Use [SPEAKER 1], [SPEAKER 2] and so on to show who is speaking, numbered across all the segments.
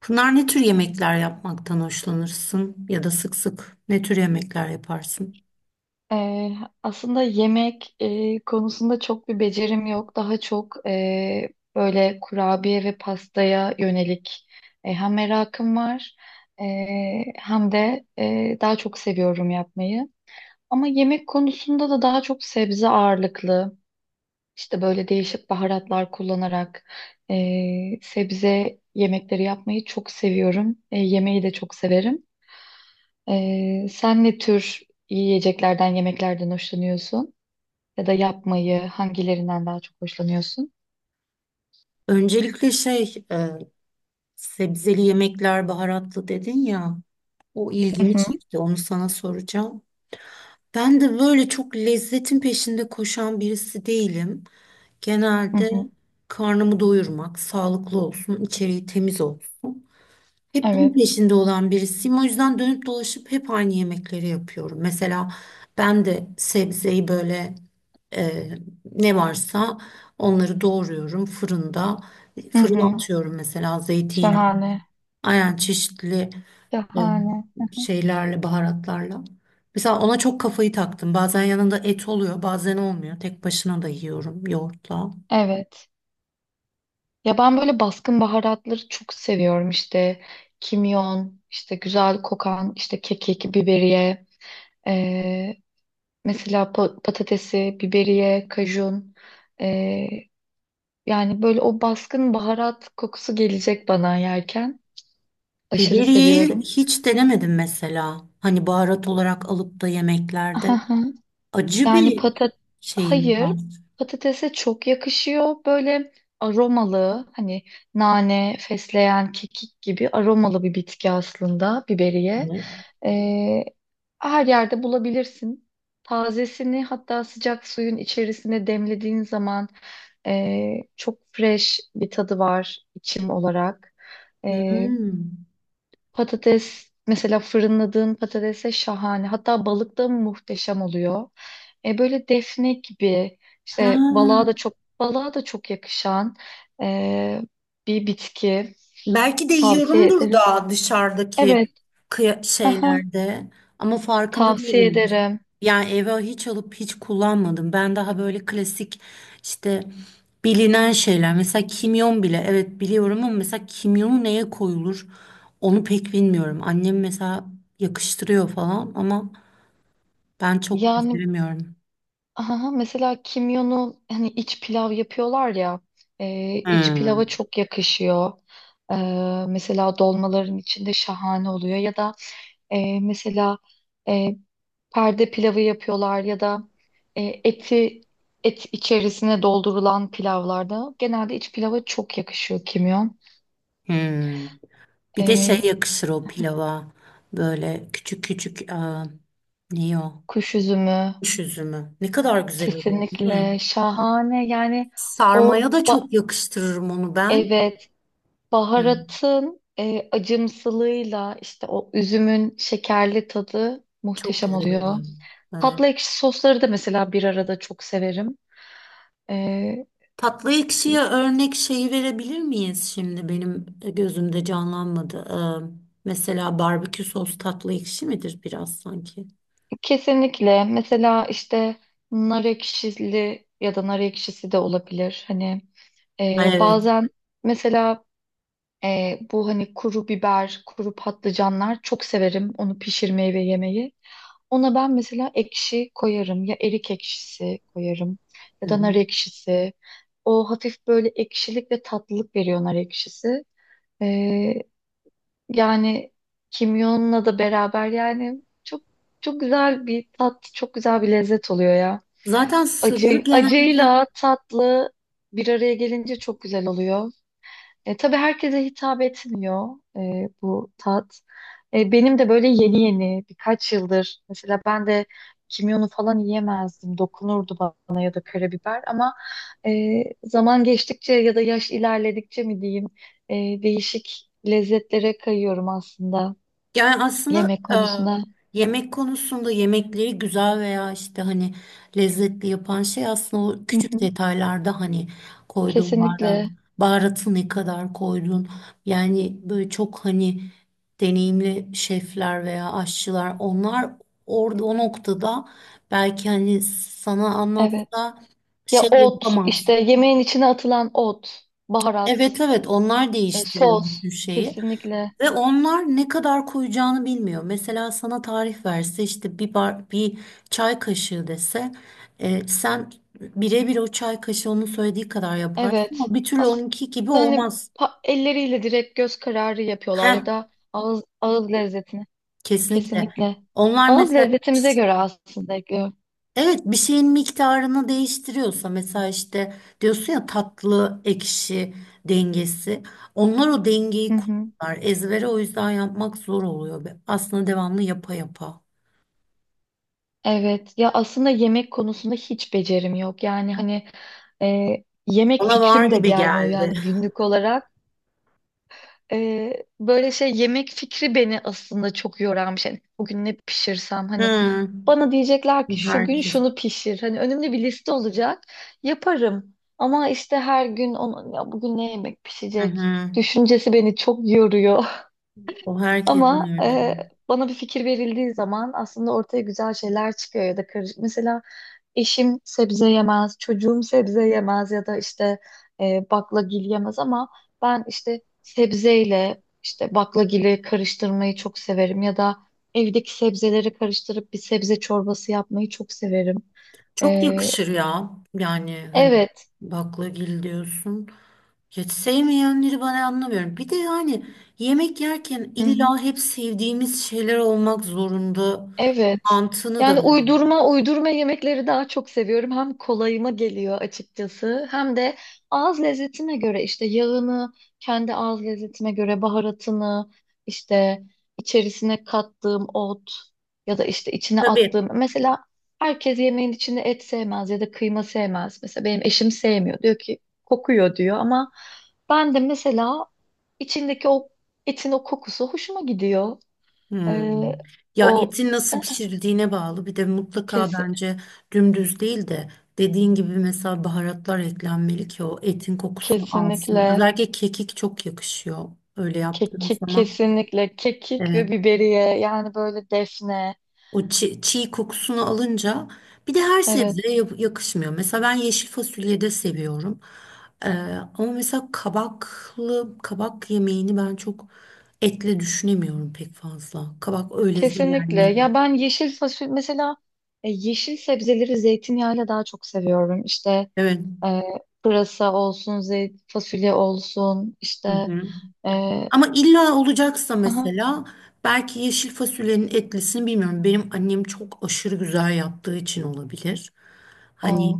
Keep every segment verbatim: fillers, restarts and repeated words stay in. [SPEAKER 1] Pınar ne tür yemekler yapmaktan hoşlanırsın ya da sık sık ne tür yemekler yaparsın?
[SPEAKER 2] Ee, aslında yemek e, konusunda çok bir becerim yok. Daha çok e, böyle kurabiye ve pastaya yönelik e, hem merakım var e, hem de e, daha çok seviyorum yapmayı. Ama yemek konusunda da daha çok sebze ağırlıklı, işte böyle değişik baharatlar kullanarak e, sebze yemekleri yapmayı çok seviyorum. E, yemeği de çok severim. E, sen ne tür yiyeceklerden, yemeklerden hoşlanıyorsun? Ya da yapmayı hangilerinden daha çok hoşlanıyorsun?
[SPEAKER 1] Öncelikle şey e, sebzeli yemekler baharatlı dedin ya, o
[SPEAKER 2] Hı
[SPEAKER 1] ilgimi
[SPEAKER 2] hı,
[SPEAKER 1] çekti, onu sana soracağım. Ben de böyle çok lezzetin peşinde koşan birisi değilim.
[SPEAKER 2] hı
[SPEAKER 1] Genelde
[SPEAKER 2] hı.
[SPEAKER 1] karnımı doyurmak, sağlıklı olsun, içeriği temiz olsun. Hep bunun
[SPEAKER 2] Evet.
[SPEAKER 1] peşinde olan birisiyim. O yüzden dönüp dolaşıp hep aynı yemekleri yapıyorum. Mesela ben de sebzeyi böyle, e, ne varsa onları doğruyorum fırında.
[SPEAKER 2] Hı
[SPEAKER 1] Fırına
[SPEAKER 2] hı.
[SPEAKER 1] atıyorum, mesela zeytinyağı.
[SPEAKER 2] Şahane.
[SPEAKER 1] Aynen, çeşitli e,
[SPEAKER 2] Şahane.
[SPEAKER 1] şeylerle, baharatlarla. Mesela ona çok kafayı taktım. Bazen yanında et oluyor, bazen olmuyor. Tek başına da yiyorum yoğurtla.
[SPEAKER 2] Evet. Ya ben böyle baskın baharatları çok seviyorum. İşte kimyon, işte güzel kokan, işte kekik, biberiye, eee, mesela pa- patatesi, biberiye, kajun. Eee, yani böyle o baskın baharat kokusu gelecek bana yerken. Aşırı
[SPEAKER 1] Biberiyeyi
[SPEAKER 2] seviyorum.
[SPEAKER 1] hiç denemedim mesela. Hani baharat olarak alıp da yemeklerde. Acı
[SPEAKER 2] Yani
[SPEAKER 1] bir
[SPEAKER 2] patat
[SPEAKER 1] şeyim
[SPEAKER 2] hayır,
[SPEAKER 1] var.
[SPEAKER 2] patatese çok yakışıyor böyle aromalı hani nane, fesleğen, kekik gibi aromalı bir bitki aslında biberiye.
[SPEAKER 1] Evet.
[SPEAKER 2] Ee, her yerde bulabilirsin. Tazesini hatta sıcak suyun içerisine demlediğin zaman e, çok fresh bir tadı var içim olarak. E,
[SPEAKER 1] Hmm.
[SPEAKER 2] Patates mesela fırınladığın patatese şahane. Hatta balık da muhteşem oluyor. E böyle defne gibi işte balığa
[SPEAKER 1] Ha.
[SPEAKER 2] da çok balığa da çok yakışan e, bir bitki,
[SPEAKER 1] Belki de
[SPEAKER 2] tavsiye
[SPEAKER 1] yiyorumdur
[SPEAKER 2] ederim.
[SPEAKER 1] da dışarıdaki
[SPEAKER 2] Evet.
[SPEAKER 1] kıya-
[SPEAKER 2] Aha,
[SPEAKER 1] şeylerde, ama farkında
[SPEAKER 2] tavsiye
[SPEAKER 1] değilim.
[SPEAKER 2] ederim.
[SPEAKER 1] Yani eve hiç alıp hiç kullanmadım. Ben daha böyle klasik, işte bilinen şeyler. Mesela kimyon bile, evet, biliyorum ama mesela kimyonu neye koyulur onu pek bilmiyorum. Annem mesela yakıştırıyor falan ama ben çok
[SPEAKER 2] Yani
[SPEAKER 1] beceremiyorum.
[SPEAKER 2] aha, mesela kimyonu hani iç pilav yapıyorlar ya e, iç pilava
[SPEAKER 1] Hmm.
[SPEAKER 2] çok yakışıyor. E, Mesela dolmaların içinde şahane oluyor ya da e, mesela e, perde pilavı yapıyorlar ya da e, eti et içerisine doldurulan pilavlarda genelde iç pilava çok yakışıyor kimyon.
[SPEAKER 1] Hmm. Bir de şey
[SPEAKER 2] E,
[SPEAKER 1] yakışır o pilava. Böyle küçük küçük, aa, ne o?
[SPEAKER 2] Kuş üzümü
[SPEAKER 1] Kuş üzümü. Ne kadar güzel oluyor değil mi?
[SPEAKER 2] kesinlikle şahane yani. O,
[SPEAKER 1] Sarmaya da çok yakıştırırım onu ben.
[SPEAKER 2] evet,
[SPEAKER 1] Hı.
[SPEAKER 2] baharatın e, acımsılığıyla işte o üzümün şekerli tadı
[SPEAKER 1] Çok
[SPEAKER 2] muhteşem
[SPEAKER 1] güzel
[SPEAKER 2] oluyor.
[SPEAKER 1] oluyor. Evet.
[SPEAKER 2] Tatlı ekşi sosları da mesela bir arada çok severim. E,
[SPEAKER 1] Tatlı ekşiye örnek şeyi verebilir miyiz şimdi? Benim gözümde canlanmadı. Ee, mesela barbekü sos tatlı ekşi midir biraz sanki?
[SPEAKER 2] Kesinlikle. Mesela işte nar ekşili ya da nar ekşisi de olabilir. Hani
[SPEAKER 1] Ay,
[SPEAKER 2] e,
[SPEAKER 1] evet.
[SPEAKER 2] bazen mesela e, bu hani kuru biber, kuru patlıcanlar çok severim onu pişirmeyi ve yemeyi. Ona ben mesela ekşi koyarım. Ya erik ekşisi koyarım
[SPEAKER 1] Hı
[SPEAKER 2] ya da nar
[SPEAKER 1] hı.
[SPEAKER 2] ekşisi. O hafif böyle ekşilik ve tatlılık veriyor nar ekşisi. Yani kimyonla da beraber yani çok çok güzel bir tat, çok güzel bir lezzet oluyor ya.
[SPEAKER 1] Zaten sırrı
[SPEAKER 2] Acı,
[SPEAKER 1] genelde...
[SPEAKER 2] acıyla tatlı bir araya gelince çok güzel oluyor. E, tabii herkese hitap etmiyor e, bu tat. E, benim de böyle yeni yeni birkaç yıldır mesela ben de kimyonu falan yiyemezdim. Dokunurdu bana ya da karabiber ama e, zaman geçtikçe ya da yaş ilerledikçe mi diyeyim e, değişik lezzetlere kayıyorum aslında.
[SPEAKER 1] Yani aslında
[SPEAKER 2] Yemek konusuna
[SPEAKER 1] e, yemek konusunda yemekleri güzel veya işte hani lezzetli yapan şey aslında o
[SPEAKER 2] hı
[SPEAKER 1] küçük
[SPEAKER 2] hı,
[SPEAKER 1] detaylarda, hani koyduğun baharat,
[SPEAKER 2] kesinlikle,
[SPEAKER 1] baharatı ne kadar koydun. Yani böyle çok hani deneyimli şefler veya aşçılar, onlar orada o noktada belki hani sana
[SPEAKER 2] evet.
[SPEAKER 1] anlatsa
[SPEAKER 2] Ya
[SPEAKER 1] şey
[SPEAKER 2] ot
[SPEAKER 1] yapamaz.
[SPEAKER 2] işte yemeğin içine atılan ot, baharat,
[SPEAKER 1] Evet evet, onlar
[SPEAKER 2] e,
[SPEAKER 1] değiştiriyor
[SPEAKER 2] sos
[SPEAKER 1] bütün şeyi.
[SPEAKER 2] kesinlikle.
[SPEAKER 1] Ve onlar ne kadar koyacağını bilmiyor. Mesela sana tarif verse, işte bir bar, bir çay kaşığı dese, e, sen birebir o çay kaşığı onun söylediği kadar yaparsın
[SPEAKER 2] Evet.
[SPEAKER 1] ama bir türlü
[SPEAKER 2] Aslında
[SPEAKER 1] onunki gibi
[SPEAKER 2] hani
[SPEAKER 1] olmaz.
[SPEAKER 2] pa- elleriyle direkt göz kararı yapıyorlar
[SPEAKER 1] Heh,
[SPEAKER 2] ya da ağız ağız lezzetini
[SPEAKER 1] kesinlikle.
[SPEAKER 2] kesinlikle.
[SPEAKER 1] Onlar
[SPEAKER 2] Ağız
[SPEAKER 1] mesela,
[SPEAKER 2] lezzetimize göre aslında ekliyor.
[SPEAKER 1] evet, bir şeyin miktarını değiştiriyorsa, mesela işte diyorsun ya, tatlı ekşi dengesi. Onlar o
[SPEAKER 2] Hı
[SPEAKER 1] dengeyi
[SPEAKER 2] hı.
[SPEAKER 1] kullanırlar. Ezbere o yüzden yapmak zor oluyor. Aslında devamlı yapa yapa.
[SPEAKER 2] Evet. Ya aslında yemek konusunda hiç becerim yok. Yani hani e, yemek
[SPEAKER 1] Bana var
[SPEAKER 2] fikrim de
[SPEAKER 1] gibi
[SPEAKER 2] gelmiyor
[SPEAKER 1] geldi.
[SPEAKER 2] yani günlük olarak. Ee, böyle şey yemek fikri beni aslında çok yoran bir şey. Hani bugün ne pişirsem hani
[SPEAKER 1] Hı.
[SPEAKER 2] bana diyecekler ki şu gün
[SPEAKER 1] Herkes.
[SPEAKER 2] şunu pişir. Hani önümde bir liste olacak. Yaparım. Ama işte her gün onun ya bugün ne yemek
[SPEAKER 1] Hı
[SPEAKER 2] pişecek
[SPEAKER 1] hı.
[SPEAKER 2] düşüncesi beni çok yoruyor.
[SPEAKER 1] O herkesin
[SPEAKER 2] Ama
[SPEAKER 1] öyle.
[SPEAKER 2] e, bana bir fikir verildiği zaman aslında ortaya güzel şeyler çıkıyor ya da karışık. Mesela eşim sebze yemez, çocuğum sebze yemez ya da işte e, baklagil yemez ama ben işte sebzeyle işte baklagili karıştırmayı çok severim ya da evdeki sebzeleri karıştırıp bir sebze çorbası yapmayı çok severim.
[SPEAKER 1] Çok
[SPEAKER 2] E,
[SPEAKER 1] yakışır ya. Yani hani
[SPEAKER 2] evet.
[SPEAKER 1] baklagil diyorsun. Hiç sevmeyenleri ben anlamıyorum. Bir de yani yemek yerken
[SPEAKER 2] Hı hı.
[SPEAKER 1] illa hep sevdiğimiz şeyler olmak zorunda
[SPEAKER 2] Evet.
[SPEAKER 1] mantığını da
[SPEAKER 2] Yani
[SPEAKER 1] ben anlamıyorum.
[SPEAKER 2] uydurma uydurma yemekleri daha çok seviyorum. Hem kolayıma geliyor açıkçası hem de ağız lezzetime göre işte yağını, kendi ağız lezzetime göre baharatını, işte içerisine kattığım ot ya da işte içine
[SPEAKER 1] Tabii.
[SPEAKER 2] attığım. Mesela herkes yemeğin içinde et sevmez ya da kıyma sevmez. Mesela benim eşim sevmiyor. Diyor ki kokuyor diyor ama ben de mesela içindeki o etin o kokusu hoşuma gidiyor. Ee,
[SPEAKER 1] Hmm. Ya
[SPEAKER 2] o
[SPEAKER 1] etin nasıl pişirildiğine bağlı. Bir de mutlaka
[SPEAKER 2] Kesin,
[SPEAKER 1] bence dümdüz değil de dediğin gibi mesela baharatlar eklenmeli ki o etin kokusunu alsın.
[SPEAKER 2] kesinlikle
[SPEAKER 1] Özellikle kekik çok yakışıyor öyle yaptığın
[SPEAKER 2] kekik,
[SPEAKER 1] zaman.
[SPEAKER 2] kesinlikle kekik ve
[SPEAKER 1] Evet.
[SPEAKER 2] biberiye yani böyle defne,
[SPEAKER 1] O çi- çiğ, kokusunu alınca, bir de her
[SPEAKER 2] evet,
[SPEAKER 1] sebzeye yap- yakışmıyor. Mesela ben yeşil fasulyeyi de seviyorum. Ee, Ama mesela kabaklı, kabak yemeğini ben çok etle düşünemiyorum pek fazla. Kabak öyle
[SPEAKER 2] kesinlikle.
[SPEAKER 1] yenmeli.
[SPEAKER 2] Ya ben yeşil fasulye mesela e, yeşil sebzeleri zeytinyağıyla daha çok seviyorum işte
[SPEAKER 1] Evet.
[SPEAKER 2] e, pırasa olsun zeyt fasulye olsun
[SPEAKER 1] Hı
[SPEAKER 2] işte
[SPEAKER 1] hı.
[SPEAKER 2] e,
[SPEAKER 1] Ama illa olacaksa,
[SPEAKER 2] aha,
[SPEAKER 1] mesela belki yeşil fasulyenin etlisini, bilmiyorum, benim annem çok aşırı güzel yaptığı için olabilir. Hani
[SPEAKER 2] o.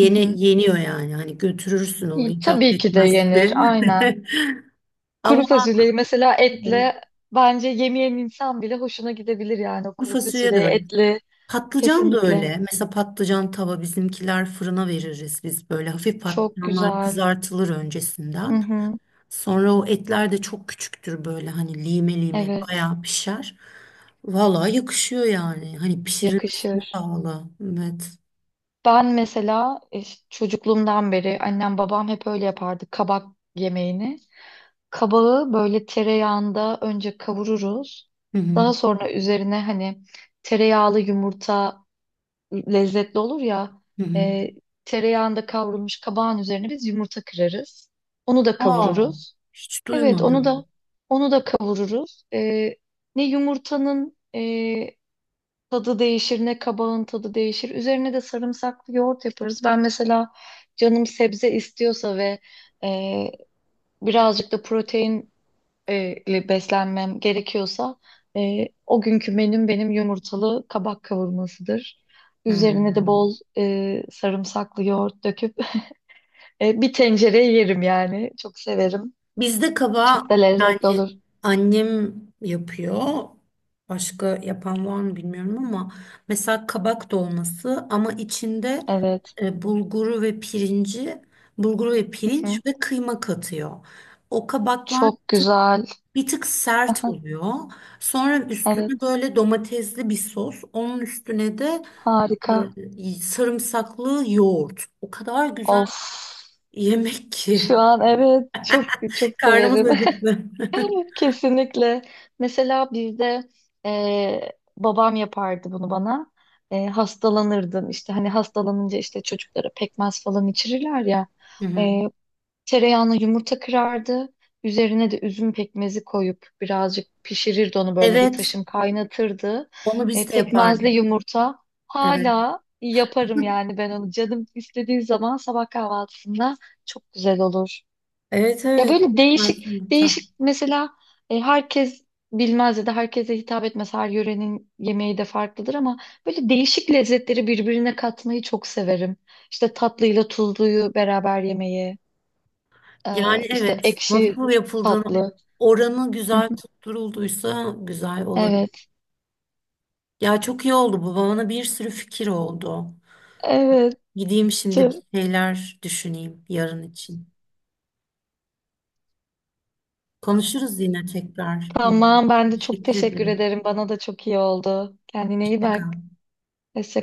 [SPEAKER 2] Hı hı.
[SPEAKER 1] yeniyor yani. Hani götürürsün onu
[SPEAKER 2] Y-
[SPEAKER 1] hiç
[SPEAKER 2] tabii ki de yenir,
[SPEAKER 1] affetmezsin.
[SPEAKER 2] aynen. Kuru
[SPEAKER 1] Ama
[SPEAKER 2] fasulyeyi mesela
[SPEAKER 1] evet,
[SPEAKER 2] etle bence yemeyen insan bile hoşuna gidebilir yani o
[SPEAKER 1] bu
[SPEAKER 2] kuru
[SPEAKER 1] fasulye de
[SPEAKER 2] fasulyeyi
[SPEAKER 1] öyle.
[SPEAKER 2] etli
[SPEAKER 1] Patlıcan da
[SPEAKER 2] kesinlikle.
[SPEAKER 1] öyle. Mesela patlıcan tava, bizimkiler fırına veririz biz böyle. Hafif
[SPEAKER 2] Çok
[SPEAKER 1] patlıcanlar
[SPEAKER 2] güzel.
[SPEAKER 1] kızartılır
[SPEAKER 2] Hı
[SPEAKER 1] öncesinden.
[SPEAKER 2] hı.
[SPEAKER 1] Sonra o etler de çok küçüktür böyle, hani lime lime
[SPEAKER 2] Evet,
[SPEAKER 1] bayağı pişer. Vallahi yakışıyor yani. Hani pişirilmesine
[SPEAKER 2] yakışır.
[SPEAKER 1] bağlı. Evet.
[SPEAKER 2] Ben mesela e, ş- çocukluğumdan beri annem babam hep öyle yapardı kabak yemeğini. Kabağı böyle tereyağında önce kavururuz.
[SPEAKER 1] Hı hı.
[SPEAKER 2] Daha sonra üzerine hani tereyağlı yumurta lezzetli olur ya.
[SPEAKER 1] Hı hı.
[SPEAKER 2] E, Tereyağında kavrulmuş kabağın üzerine biz yumurta kırarız. Onu da
[SPEAKER 1] Aa,
[SPEAKER 2] kavururuz.
[SPEAKER 1] hiç
[SPEAKER 2] Evet, onu
[SPEAKER 1] duymadım.
[SPEAKER 2] da onu da kavururuz. E, ne yumurtanın e, tadı değişir, ne kabağın tadı değişir. Üzerine de sarımsaklı yoğurt yaparız. Ben mesela canım sebze istiyorsa ve e, birazcık da protein e, ile beslenmem gerekiyorsa e, o günkü menüm benim yumurtalı kabak kavurmasıdır. Üzerine de
[SPEAKER 1] Hı.
[SPEAKER 2] bol e, sarımsaklı yoğurt döküp e, bir tencereye yerim yani. Çok severim.
[SPEAKER 1] Bizde
[SPEAKER 2] Çok
[SPEAKER 1] kaba,
[SPEAKER 2] da lezzetli
[SPEAKER 1] yani
[SPEAKER 2] olur.
[SPEAKER 1] annem yapıyor. Başka yapan var mı bilmiyorum ama mesela kabak dolması, ama içinde
[SPEAKER 2] Evet.
[SPEAKER 1] e, bulguru ve pirinci, bulguru ve
[SPEAKER 2] Hı hı.
[SPEAKER 1] pirinç ve kıyma katıyor. O kabaklar
[SPEAKER 2] Çok
[SPEAKER 1] tık...
[SPEAKER 2] güzel.
[SPEAKER 1] Bir tık sert oluyor. Sonra üstüne
[SPEAKER 2] Evet.
[SPEAKER 1] böyle domatesli bir sos. Onun üstüne de
[SPEAKER 2] Harika.
[SPEAKER 1] e, sarımsaklı yoğurt. O kadar güzel
[SPEAKER 2] Of.
[SPEAKER 1] bir yemek ki.
[SPEAKER 2] Şu an evet çok çok
[SPEAKER 1] Karnımız
[SPEAKER 2] severim.
[SPEAKER 1] acıktı.
[SPEAKER 2] Kesinlikle. Mesela bizde e, babam yapardı bunu bana. E, hastalanırdım işte hani hastalanınca işte çocuklara pekmez falan içirirler ya.
[SPEAKER 1] Hı hı.
[SPEAKER 2] E, Tereyağına yumurta kırardı. Üzerine de üzüm pekmezi koyup birazcık pişirirdi onu, böyle bir
[SPEAKER 1] Evet,
[SPEAKER 2] taşım kaynatırdı.
[SPEAKER 1] onu
[SPEAKER 2] E,
[SPEAKER 1] biz de
[SPEAKER 2] pekmezli
[SPEAKER 1] yapardık.
[SPEAKER 2] yumurta
[SPEAKER 1] Evet.
[SPEAKER 2] hala yaparım yani ben onu canım istediği zaman sabah kahvaltısında çok güzel olur.
[SPEAKER 1] Evet
[SPEAKER 2] Ya
[SPEAKER 1] evet.
[SPEAKER 2] böyle değişik
[SPEAKER 1] Pekmez yumurta.
[SPEAKER 2] değişik mesela e, herkes bilmez ya da herkese hitap etmez. Her yörenin yemeği de farklıdır ama böyle değişik lezzetleri birbirine katmayı çok severim. İşte tatlıyla tuzluyu beraber yemeyi, e,
[SPEAKER 1] Yani
[SPEAKER 2] işte
[SPEAKER 1] evet,
[SPEAKER 2] ekşi
[SPEAKER 1] nasıl yapıldığını,
[SPEAKER 2] tatlı.
[SPEAKER 1] oranı
[SPEAKER 2] Hı
[SPEAKER 1] güzel
[SPEAKER 2] hı.
[SPEAKER 1] tutturulduysa güzel olur.
[SPEAKER 2] Evet,
[SPEAKER 1] Ya çok iyi oldu bu, bana bir sürü fikir oldu.
[SPEAKER 2] evet.
[SPEAKER 1] Gideyim şimdi bir şeyler düşüneyim yarın için. Konuşuruz yine tekrar.
[SPEAKER 2] Tamam, ben de çok
[SPEAKER 1] Teşekkür
[SPEAKER 2] teşekkür
[SPEAKER 1] ederim.
[SPEAKER 2] ederim. Bana da çok iyi oldu. Kendine iyi
[SPEAKER 1] Hoşça
[SPEAKER 2] bak.
[SPEAKER 1] kal.
[SPEAKER 2] Hoşça